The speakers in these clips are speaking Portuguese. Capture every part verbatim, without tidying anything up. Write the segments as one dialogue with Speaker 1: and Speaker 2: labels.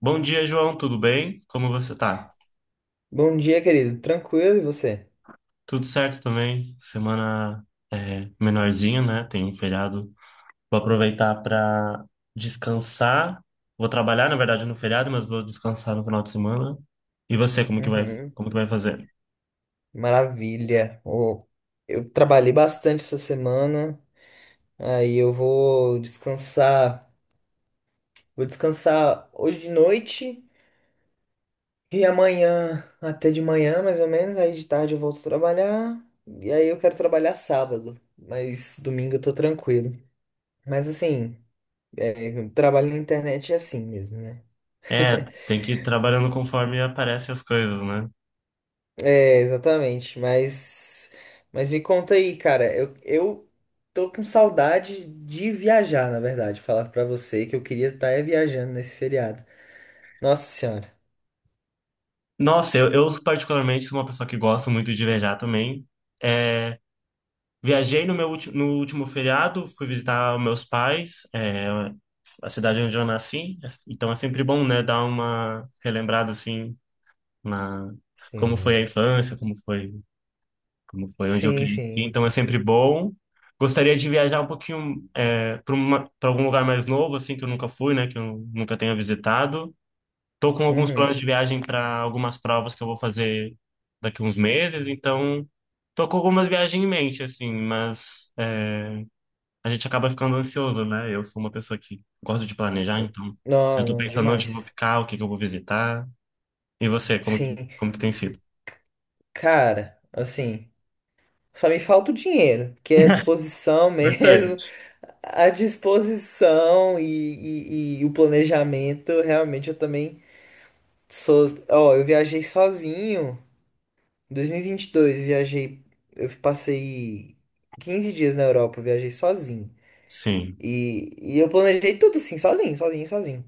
Speaker 1: Bom dia, João, tudo bem? Como você tá?
Speaker 2: Bom dia, querido. Tranquilo, e você?
Speaker 1: Tudo certo também. Semana é menorzinha, né? Tem um feriado. Vou aproveitar para descansar. Vou trabalhar, na verdade, no feriado, mas vou descansar no final de semana. E você, como que vai,
Speaker 2: Uhum,
Speaker 1: como que vai fazer?
Speaker 2: maravilha. Ô, eu trabalhei bastante essa semana, aí eu vou descansar. Vou descansar hoje de noite e amanhã até de manhã, mais ou menos. Aí de tarde eu volto trabalhar. E aí eu quero trabalhar sábado, mas domingo eu tô tranquilo. Mas assim, o trabalho na internet é assim mesmo, né?
Speaker 1: É, tem que ir trabalhando conforme aparecem as coisas, né?
Speaker 2: É, exatamente. Mas, mas me conta aí, cara. Eu, eu tô com saudade de viajar, na verdade. Falar pra você que eu queria estar viajando nesse feriado. Nossa Senhora.
Speaker 1: Nossa, eu, eu particularmente sou uma pessoa que gosta muito de viajar também. É, viajei no meu ulti- no último feriado, fui visitar meus pais. É, a cidade onde eu nasci, é, então é sempre bom, né, dar uma relembrada assim na como foi a
Speaker 2: Sim.
Speaker 1: infância, como foi, como foi onde eu
Speaker 2: Sim,
Speaker 1: cresci,
Speaker 2: sim.
Speaker 1: então é sempre bom. Gostaria de viajar um pouquinho é, para uma, para algum lugar mais novo assim que eu nunca fui, né, que eu nunca tenha visitado. Tô com alguns planos
Speaker 2: Uhum.
Speaker 1: de viagem para algumas provas que eu vou fazer daqui uns meses, então tô com algumas viagens em mente assim, mas a gente acaba ficando ansioso, né? Eu sou uma pessoa que gosto de planejar, então eu
Speaker 2: Não,
Speaker 1: tô
Speaker 2: não,
Speaker 1: pensando onde eu vou
Speaker 2: demais.
Speaker 1: ficar, o que que eu vou visitar. E você, como que,
Speaker 2: Sim.
Speaker 1: como que tem sido?
Speaker 2: Cara, assim, só me falta o dinheiro, que é a disposição mesmo.
Speaker 1: Importante.
Speaker 2: A disposição e, e, e o planejamento, realmente eu também sou. Ó, eu viajei sozinho. Em dois mil e vinte e dois, viajei, eu passei quinze dias na Europa, eu viajei sozinho.
Speaker 1: Sim,
Speaker 2: E, e eu planejei tudo assim, sozinho, sozinho, sozinho.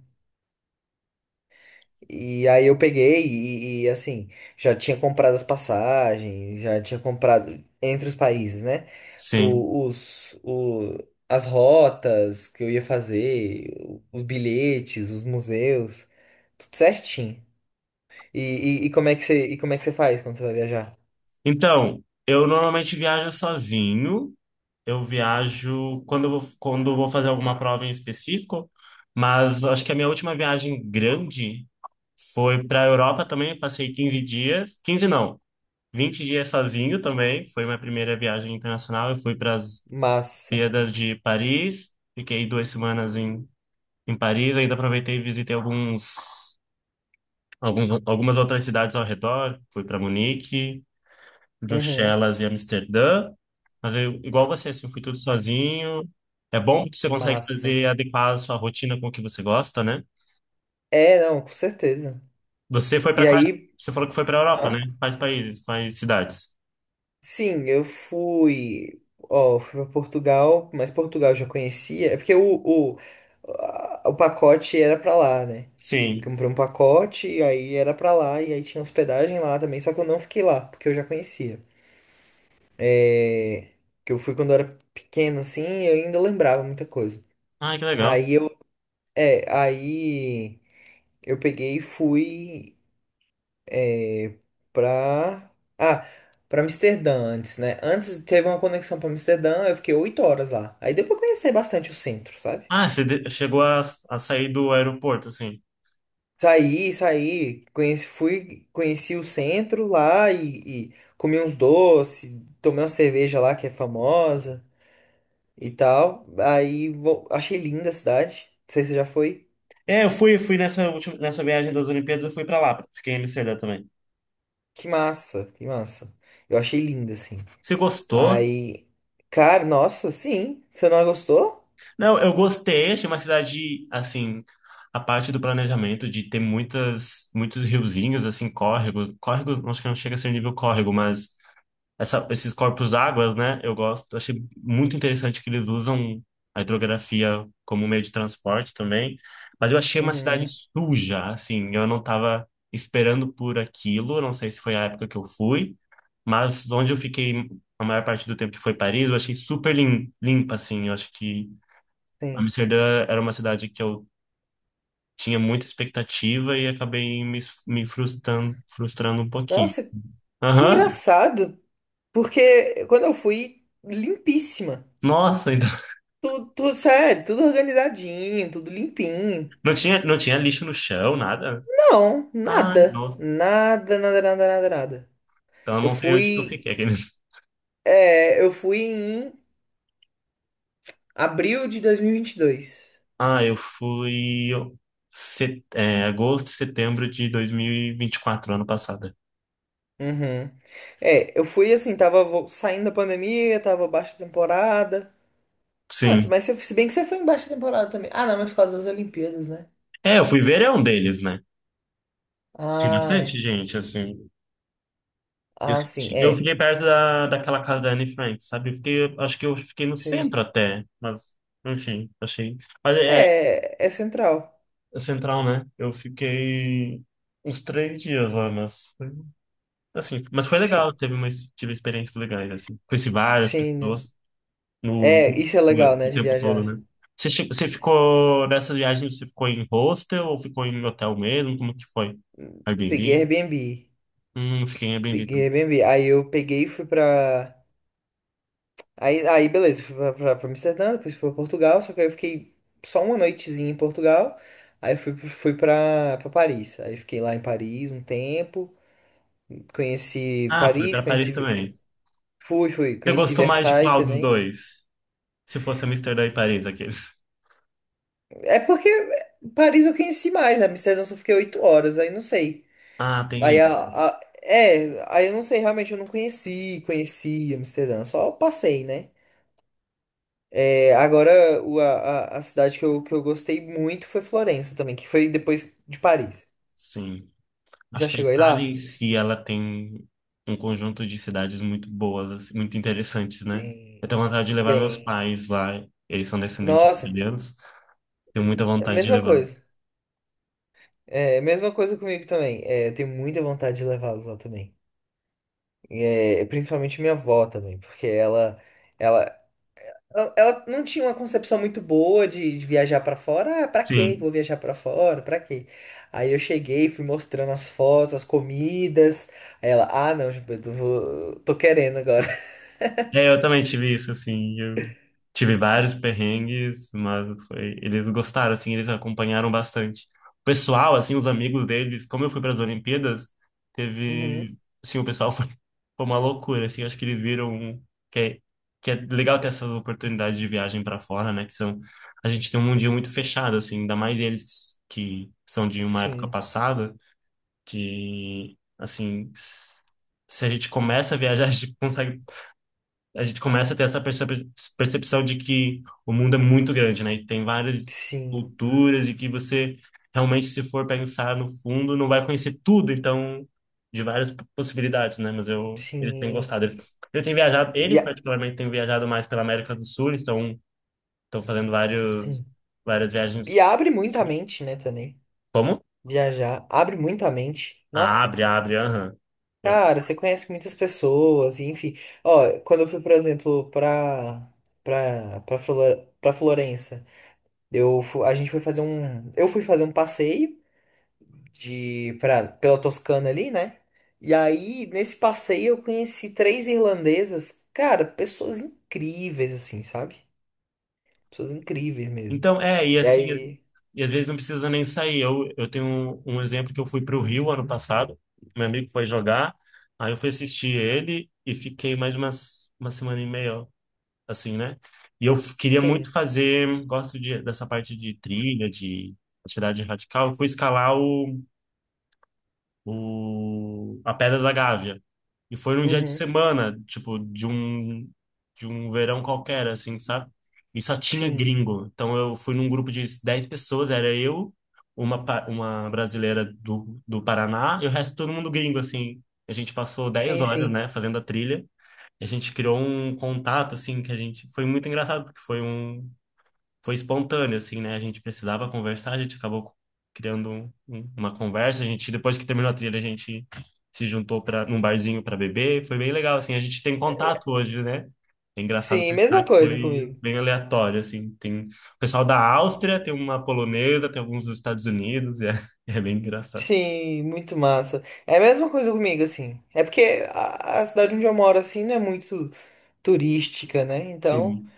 Speaker 2: E aí eu peguei e, e, assim, já tinha comprado as passagens, já tinha comprado entre os países, né?
Speaker 1: sim.
Speaker 2: O, os, o, as rotas que eu ia fazer, os bilhetes, os museus, tudo certinho. E, e, e como é que você, e como é que você faz quando você vai viajar?
Speaker 1: Então, eu normalmente viajo sozinho. Eu viajo quando eu vou, quando eu vou fazer alguma prova em específico, mas acho que a minha última viagem grande foi para a Europa também. Passei quinze dias, quinze não, vinte dias sozinho também. Foi minha primeira viagem internacional. Eu fui para
Speaker 2: Massa.
Speaker 1: Olimpíadas de Paris. Fiquei duas semanas em, em Paris. Ainda aproveitei e visitei alguns, alguns, algumas outras cidades ao redor. Fui para Munique,
Speaker 2: Uhum,
Speaker 1: Bruxelas e Amsterdã. Mas eu, igual você, assim, fui tudo sozinho. É bom que você consegue
Speaker 2: massa.
Speaker 1: fazer adequar a sua rotina com o que você gosta, né?
Speaker 2: É, não, com certeza.
Speaker 1: Você foi
Speaker 2: E
Speaker 1: para quais?
Speaker 2: aí,
Speaker 1: Você falou que foi para Europa, né?
Speaker 2: hã?
Speaker 1: Quais países? Quais cidades?
Speaker 2: Sim, eu fui, ó, fui para Portugal, mas Portugal eu já conhecia, é porque o, o, a- o pacote era pra lá, né? Eu
Speaker 1: Sim.
Speaker 2: comprei um pacote, e aí era pra lá, e aí tinha hospedagem lá também, só que eu não fiquei lá, porque eu já conhecia. É, que eu fui quando eu era pequeno, assim, e eu ainda lembrava muita coisa.
Speaker 1: Ah, que legal.
Speaker 2: Aí eu, é, aí eu peguei e fui. Pra. Ah, pra Amsterdã antes, né? Antes teve uma conexão pra Amsterdã, eu fiquei oito horas lá. Aí deu pra conhecer bastante o centro, sabe?
Speaker 1: Ah, você de- chegou a, a sair do aeroporto, assim.
Speaker 2: Saí, saí, conheci, fui, conheci o centro lá e, e comi uns doces, tomei uma cerveja lá que é famosa e tal. Aí vo- achei linda a cidade. Não sei se você já foi.
Speaker 1: É, eu fui, fui nessa última, nessa viagem das Olimpíadas, eu fui pra lá, fiquei em Amsterdã também.
Speaker 2: Que massa, que massa. Eu achei linda, assim.
Speaker 1: Você gostou?
Speaker 2: Aí, cara, nossa, sim. Você não gostou?
Speaker 1: Não, eu gostei, achei uma cidade, assim, a parte do planejamento de ter muitas, muitos riozinhos, assim, córregos, córregos, acho que não chega a ser nível córrego, mas essa- esses corpos d'águas, né? Eu gosto. Eu achei muito interessante que eles usam a hidrografia como meio de transporte também. Mas eu achei uma cidade
Speaker 2: Uhum,
Speaker 1: suja, assim. Eu não estava esperando por aquilo. eu Não sei se foi a época que eu fui, mas onde eu fiquei a maior parte do tempo que foi Paris, eu achei super lim- limpa, assim. Eu acho que
Speaker 2: sim.
Speaker 1: Amsterdã era uma cidade que eu tinha muita expectativa e acabei me, me frustrando, frustrando um pouquinho.
Speaker 2: Nossa, que
Speaker 1: Aham.
Speaker 2: engraçado, porque quando eu fui, limpíssima.
Speaker 1: Nossa,
Speaker 2: Tudo, tudo sério, tudo organizadinho, tudo limpinho.
Speaker 1: Não tinha, não tinha lixo no chão, nada.
Speaker 2: Não,
Speaker 1: Ai,
Speaker 2: nada.
Speaker 1: nossa,
Speaker 2: Nada, nada, nada, nada, nada.
Speaker 1: então eu
Speaker 2: Eu
Speaker 1: não sei onde que eu
Speaker 2: fui,
Speaker 1: fiquei. aqueles.
Speaker 2: é, eu fui em abril de dois mil e vinte e dois.
Speaker 1: Ah, eu fui set, é, agosto, setembro de dois mil e e vinte e quatro ano passado.
Speaker 2: Uhum. É, eu fui assim, tava vo- saindo da pandemia, tava baixa temporada. Nossa,
Speaker 1: Sim.
Speaker 2: mas se, se bem que você foi em baixa temporada também. Ah, não, mas por causa das Olimpíadas, né?
Speaker 1: É, eu fui verão deles, né? Tinha
Speaker 2: Ah,
Speaker 1: bastante
Speaker 2: é.
Speaker 1: gente, assim. Eu,
Speaker 2: Ah, sim,
Speaker 1: senti- eu
Speaker 2: é.
Speaker 1: fiquei perto da, daquela casa da Anne Frank, sabe? Eu fiquei, acho que eu fiquei no centro
Speaker 2: Sei.
Speaker 1: até, mas, enfim, achei. Mas é,
Speaker 2: É, é central.
Speaker 1: é central, né? Eu fiquei uns três dias lá, mas. Assim, mas foi
Speaker 2: Sim,
Speaker 1: legal, teve uma, tive experiências legais, assim. Conheci várias
Speaker 2: sim, não.
Speaker 1: pessoas no,
Speaker 2: É, isso é legal,
Speaker 1: no-
Speaker 2: né,
Speaker 1: o
Speaker 2: de
Speaker 1: tempo todo,
Speaker 2: viajar.
Speaker 1: né? Você, che- você ficou nessa viagem, você ficou em hostel ou ficou em hotel mesmo? Como que foi?
Speaker 2: Peguei
Speaker 1: Airbnb?
Speaker 2: Airbnb.
Speaker 1: Hum, fiquei em Airbnb
Speaker 2: Peguei
Speaker 1: também.
Speaker 2: Airbnb. Aí eu peguei e fui pra. Aí, aí beleza, fui pra, pra, pra Amsterdã, depois fui pra Portugal, só que aí eu fiquei só uma noitezinha em Portugal. Aí fui, fui pra, pra Paris. Aí fiquei lá em Paris um tempo. Conheci
Speaker 1: Ah, foi
Speaker 2: Paris,
Speaker 1: para Paris
Speaker 2: conheci.
Speaker 1: também.
Speaker 2: Fui, fui,
Speaker 1: Você
Speaker 2: conheci
Speaker 1: gostou mais de
Speaker 2: Versailles
Speaker 1: qual dos
Speaker 2: também.
Speaker 1: dois? Se fosse Amsterdã e Paris, aqueles.
Speaker 2: É porque Paris eu conheci mais, né? Amsterdã eu só fiquei oito horas, aí não sei.
Speaker 1: Ah, tem
Speaker 2: Aí
Speaker 1: ele
Speaker 2: a, a- É, aí eu não sei, realmente eu não conheci, conheci Amsterdã, só passei, né? É, agora o- a, a a cidade que eu, que eu gostei muito foi Florença também, que foi depois de Paris.
Speaker 1: Sim.
Speaker 2: Já
Speaker 1: Acho que a
Speaker 2: chegou aí
Speaker 1: Itália em
Speaker 2: lá?
Speaker 1: si, ela tem um conjunto de cidades muito boas, assim, muito interessantes, né? Eu
Speaker 2: Tem.
Speaker 1: tenho vontade de levar meus
Speaker 2: Tem.
Speaker 1: pais lá, eles são descendentes de
Speaker 2: Nossa,
Speaker 1: italianos, tenho muita vontade de
Speaker 2: mesma
Speaker 1: levá-los.
Speaker 2: coisa. É, mesma coisa comigo também. É, eu tenho muita vontade de levá-los lá também. É, principalmente minha avó também, porque ela, ela, Ela, ela não tinha uma concepção muito boa de, de viajar pra fora. Ah, pra quê que eu
Speaker 1: Sim,
Speaker 2: vou viajar pra fora? Pra quê? Aí eu cheguei, fui mostrando as fotos, as comidas. Aí ela, ah, não, Gilberto, eu vou- tô querendo agora.
Speaker 1: é, eu também tive isso, assim, Tive vários perrengues, mas foi, eles gostaram, assim, eles acompanharam bastante. O pessoal, assim, os amigos deles, como eu fui para as Olimpíadas,
Speaker 2: Uhum,
Speaker 1: teve, assim, o pessoal foi, foi uma loucura, assim, acho que eles viram um, que é, que é legal ter essas oportunidades de viagem para fora, né, que são, a gente tem um mundinho muito fechado, assim, ainda mais eles que são de uma época
Speaker 2: sim,
Speaker 1: passada, que, assim, se a gente começa a viajar, a gente consegue a gente começa a ter essa percep- percepção de que o mundo é muito grande, né? E tem várias
Speaker 2: sim,
Speaker 1: culturas e que você realmente, se for pensar no fundo, não vai conhecer tudo, então, de várias p- possibilidades, né? Mas eu, eles têm
Speaker 2: sim.
Speaker 1: gostado. Eles, eles têm viajado,
Speaker 2: E,
Speaker 1: eles
Speaker 2: a-
Speaker 1: particularmente têm viajado mais pela América do Sul, estão, estão fazendo vários,
Speaker 2: sim.
Speaker 1: várias viagens.
Speaker 2: E abre muito a mente, né, também.
Speaker 1: Como?
Speaker 2: Viajar abre muito a mente.
Speaker 1: Ah,
Speaker 2: Nossa,
Speaker 1: abre, abre, aham.
Speaker 2: cara, você conhece muitas pessoas, e enfim. Ó, quando eu fui, por exemplo, pra, pra, pra, Flor pra Florença. Eu, fu- a gente foi fazer um, eu fui fazer um passeio de pra, pela Toscana ali, né? E aí, nesse passeio, eu conheci três irlandesas, cara, pessoas incríveis, assim, sabe? Pessoas incríveis mesmo.
Speaker 1: Então, é, e
Speaker 2: E
Speaker 1: assim, às-
Speaker 2: aí,
Speaker 1: e às vezes não precisa nem sair. Eu, eu tenho um, um exemplo que eu fui para o Rio ano passado, meu amigo foi jogar, aí eu fui assistir ele e fiquei mais umas, uma semana e meia, assim, né? E eu f- queria muito
Speaker 2: sim,
Speaker 1: fazer, gosto de, dessa parte de trilha, de atividade radical, eu fui escalar o, a Pedra da Gávea. E foi num dia de
Speaker 2: uhum,
Speaker 1: semana, tipo, de um, de um verão qualquer, assim, sabe? E só tinha
Speaker 2: sim,
Speaker 1: gringo. Então eu fui num grupo de dez pessoas, era eu, uma, pa- uma brasileira do, do Paraná e o resto todo mundo gringo, assim. A gente passou dez
Speaker 2: sim,
Speaker 1: horas,
Speaker 2: sim,
Speaker 1: né, fazendo a trilha. E a gente criou um contato, assim, que a gente... Foi muito engraçado, porque foi um foi espontâneo, assim, né? A gente precisava conversar, a gente acabou criando um- um- uma conversa. A gente, depois que terminou a trilha, a gente se juntou para num barzinho para beber. Foi bem legal, assim. A gente tem contato hoje, né? É engraçado
Speaker 2: sim,
Speaker 1: pensar
Speaker 2: mesma
Speaker 1: que
Speaker 2: coisa
Speaker 1: foi
Speaker 2: comigo.
Speaker 1: bem aleatório, assim. Tem o pessoal da Áustria, tem uma polonesa, tem alguns dos Estados Unidos, e é, é bem engraçado.
Speaker 2: Sim, muito massa. É a mesma coisa comigo, assim. É porque a, a cidade onde eu moro, assim, não é muito turística, né? Então.
Speaker 1: Sim.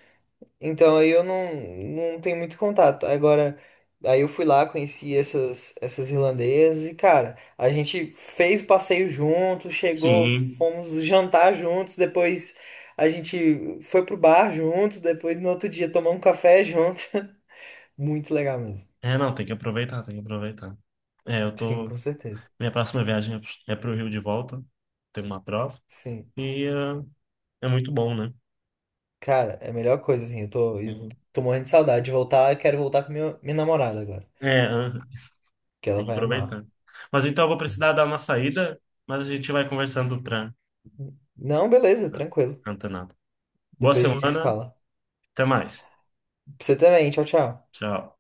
Speaker 2: Então aí eu não, não tenho muito contato. Agora, aí eu fui lá, conheci essas, essas irlandesas e, cara, a gente fez o passeio junto, chegou,
Speaker 1: Sim.
Speaker 2: fomos jantar juntos, depois a gente foi pro bar juntos, depois no outro dia tomamos um café junto. Muito legal mesmo.
Speaker 1: É, não, tem que aproveitar, tem que aproveitar. É, eu
Speaker 2: Sim, com
Speaker 1: tô.
Speaker 2: certeza.
Speaker 1: Minha próxima viagem é é pro Rio de volta. Tem uma prova.
Speaker 2: Sim.
Speaker 1: E eh, é muito bom, né?
Speaker 2: Cara, é a melhor coisa, assim, eu tô, eu
Speaker 1: Uhum.
Speaker 2: tô morrendo de saudade de voltar, eu quero voltar com minha, minha namorada agora,
Speaker 1: É, aham.
Speaker 2: que ela
Speaker 1: tem que
Speaker 2: vai amar.
Speaker 1: aproveitar. Mas então eu vou
Speaker 2: Sim.
Speaker 1: precisar dar uma saída, mas a gente vai conversando para
Speaker 2: Não, beleza, tranquilo.
Speaker 1: antenar. Boa
Speaker 2: Depois a gente se
Speaker 1: semana,
Speaker 2: fala.
Speaker 1: até mais.
Speaker 2: Pra você também. Tchau, tchau.
Speaker 1: Tchau.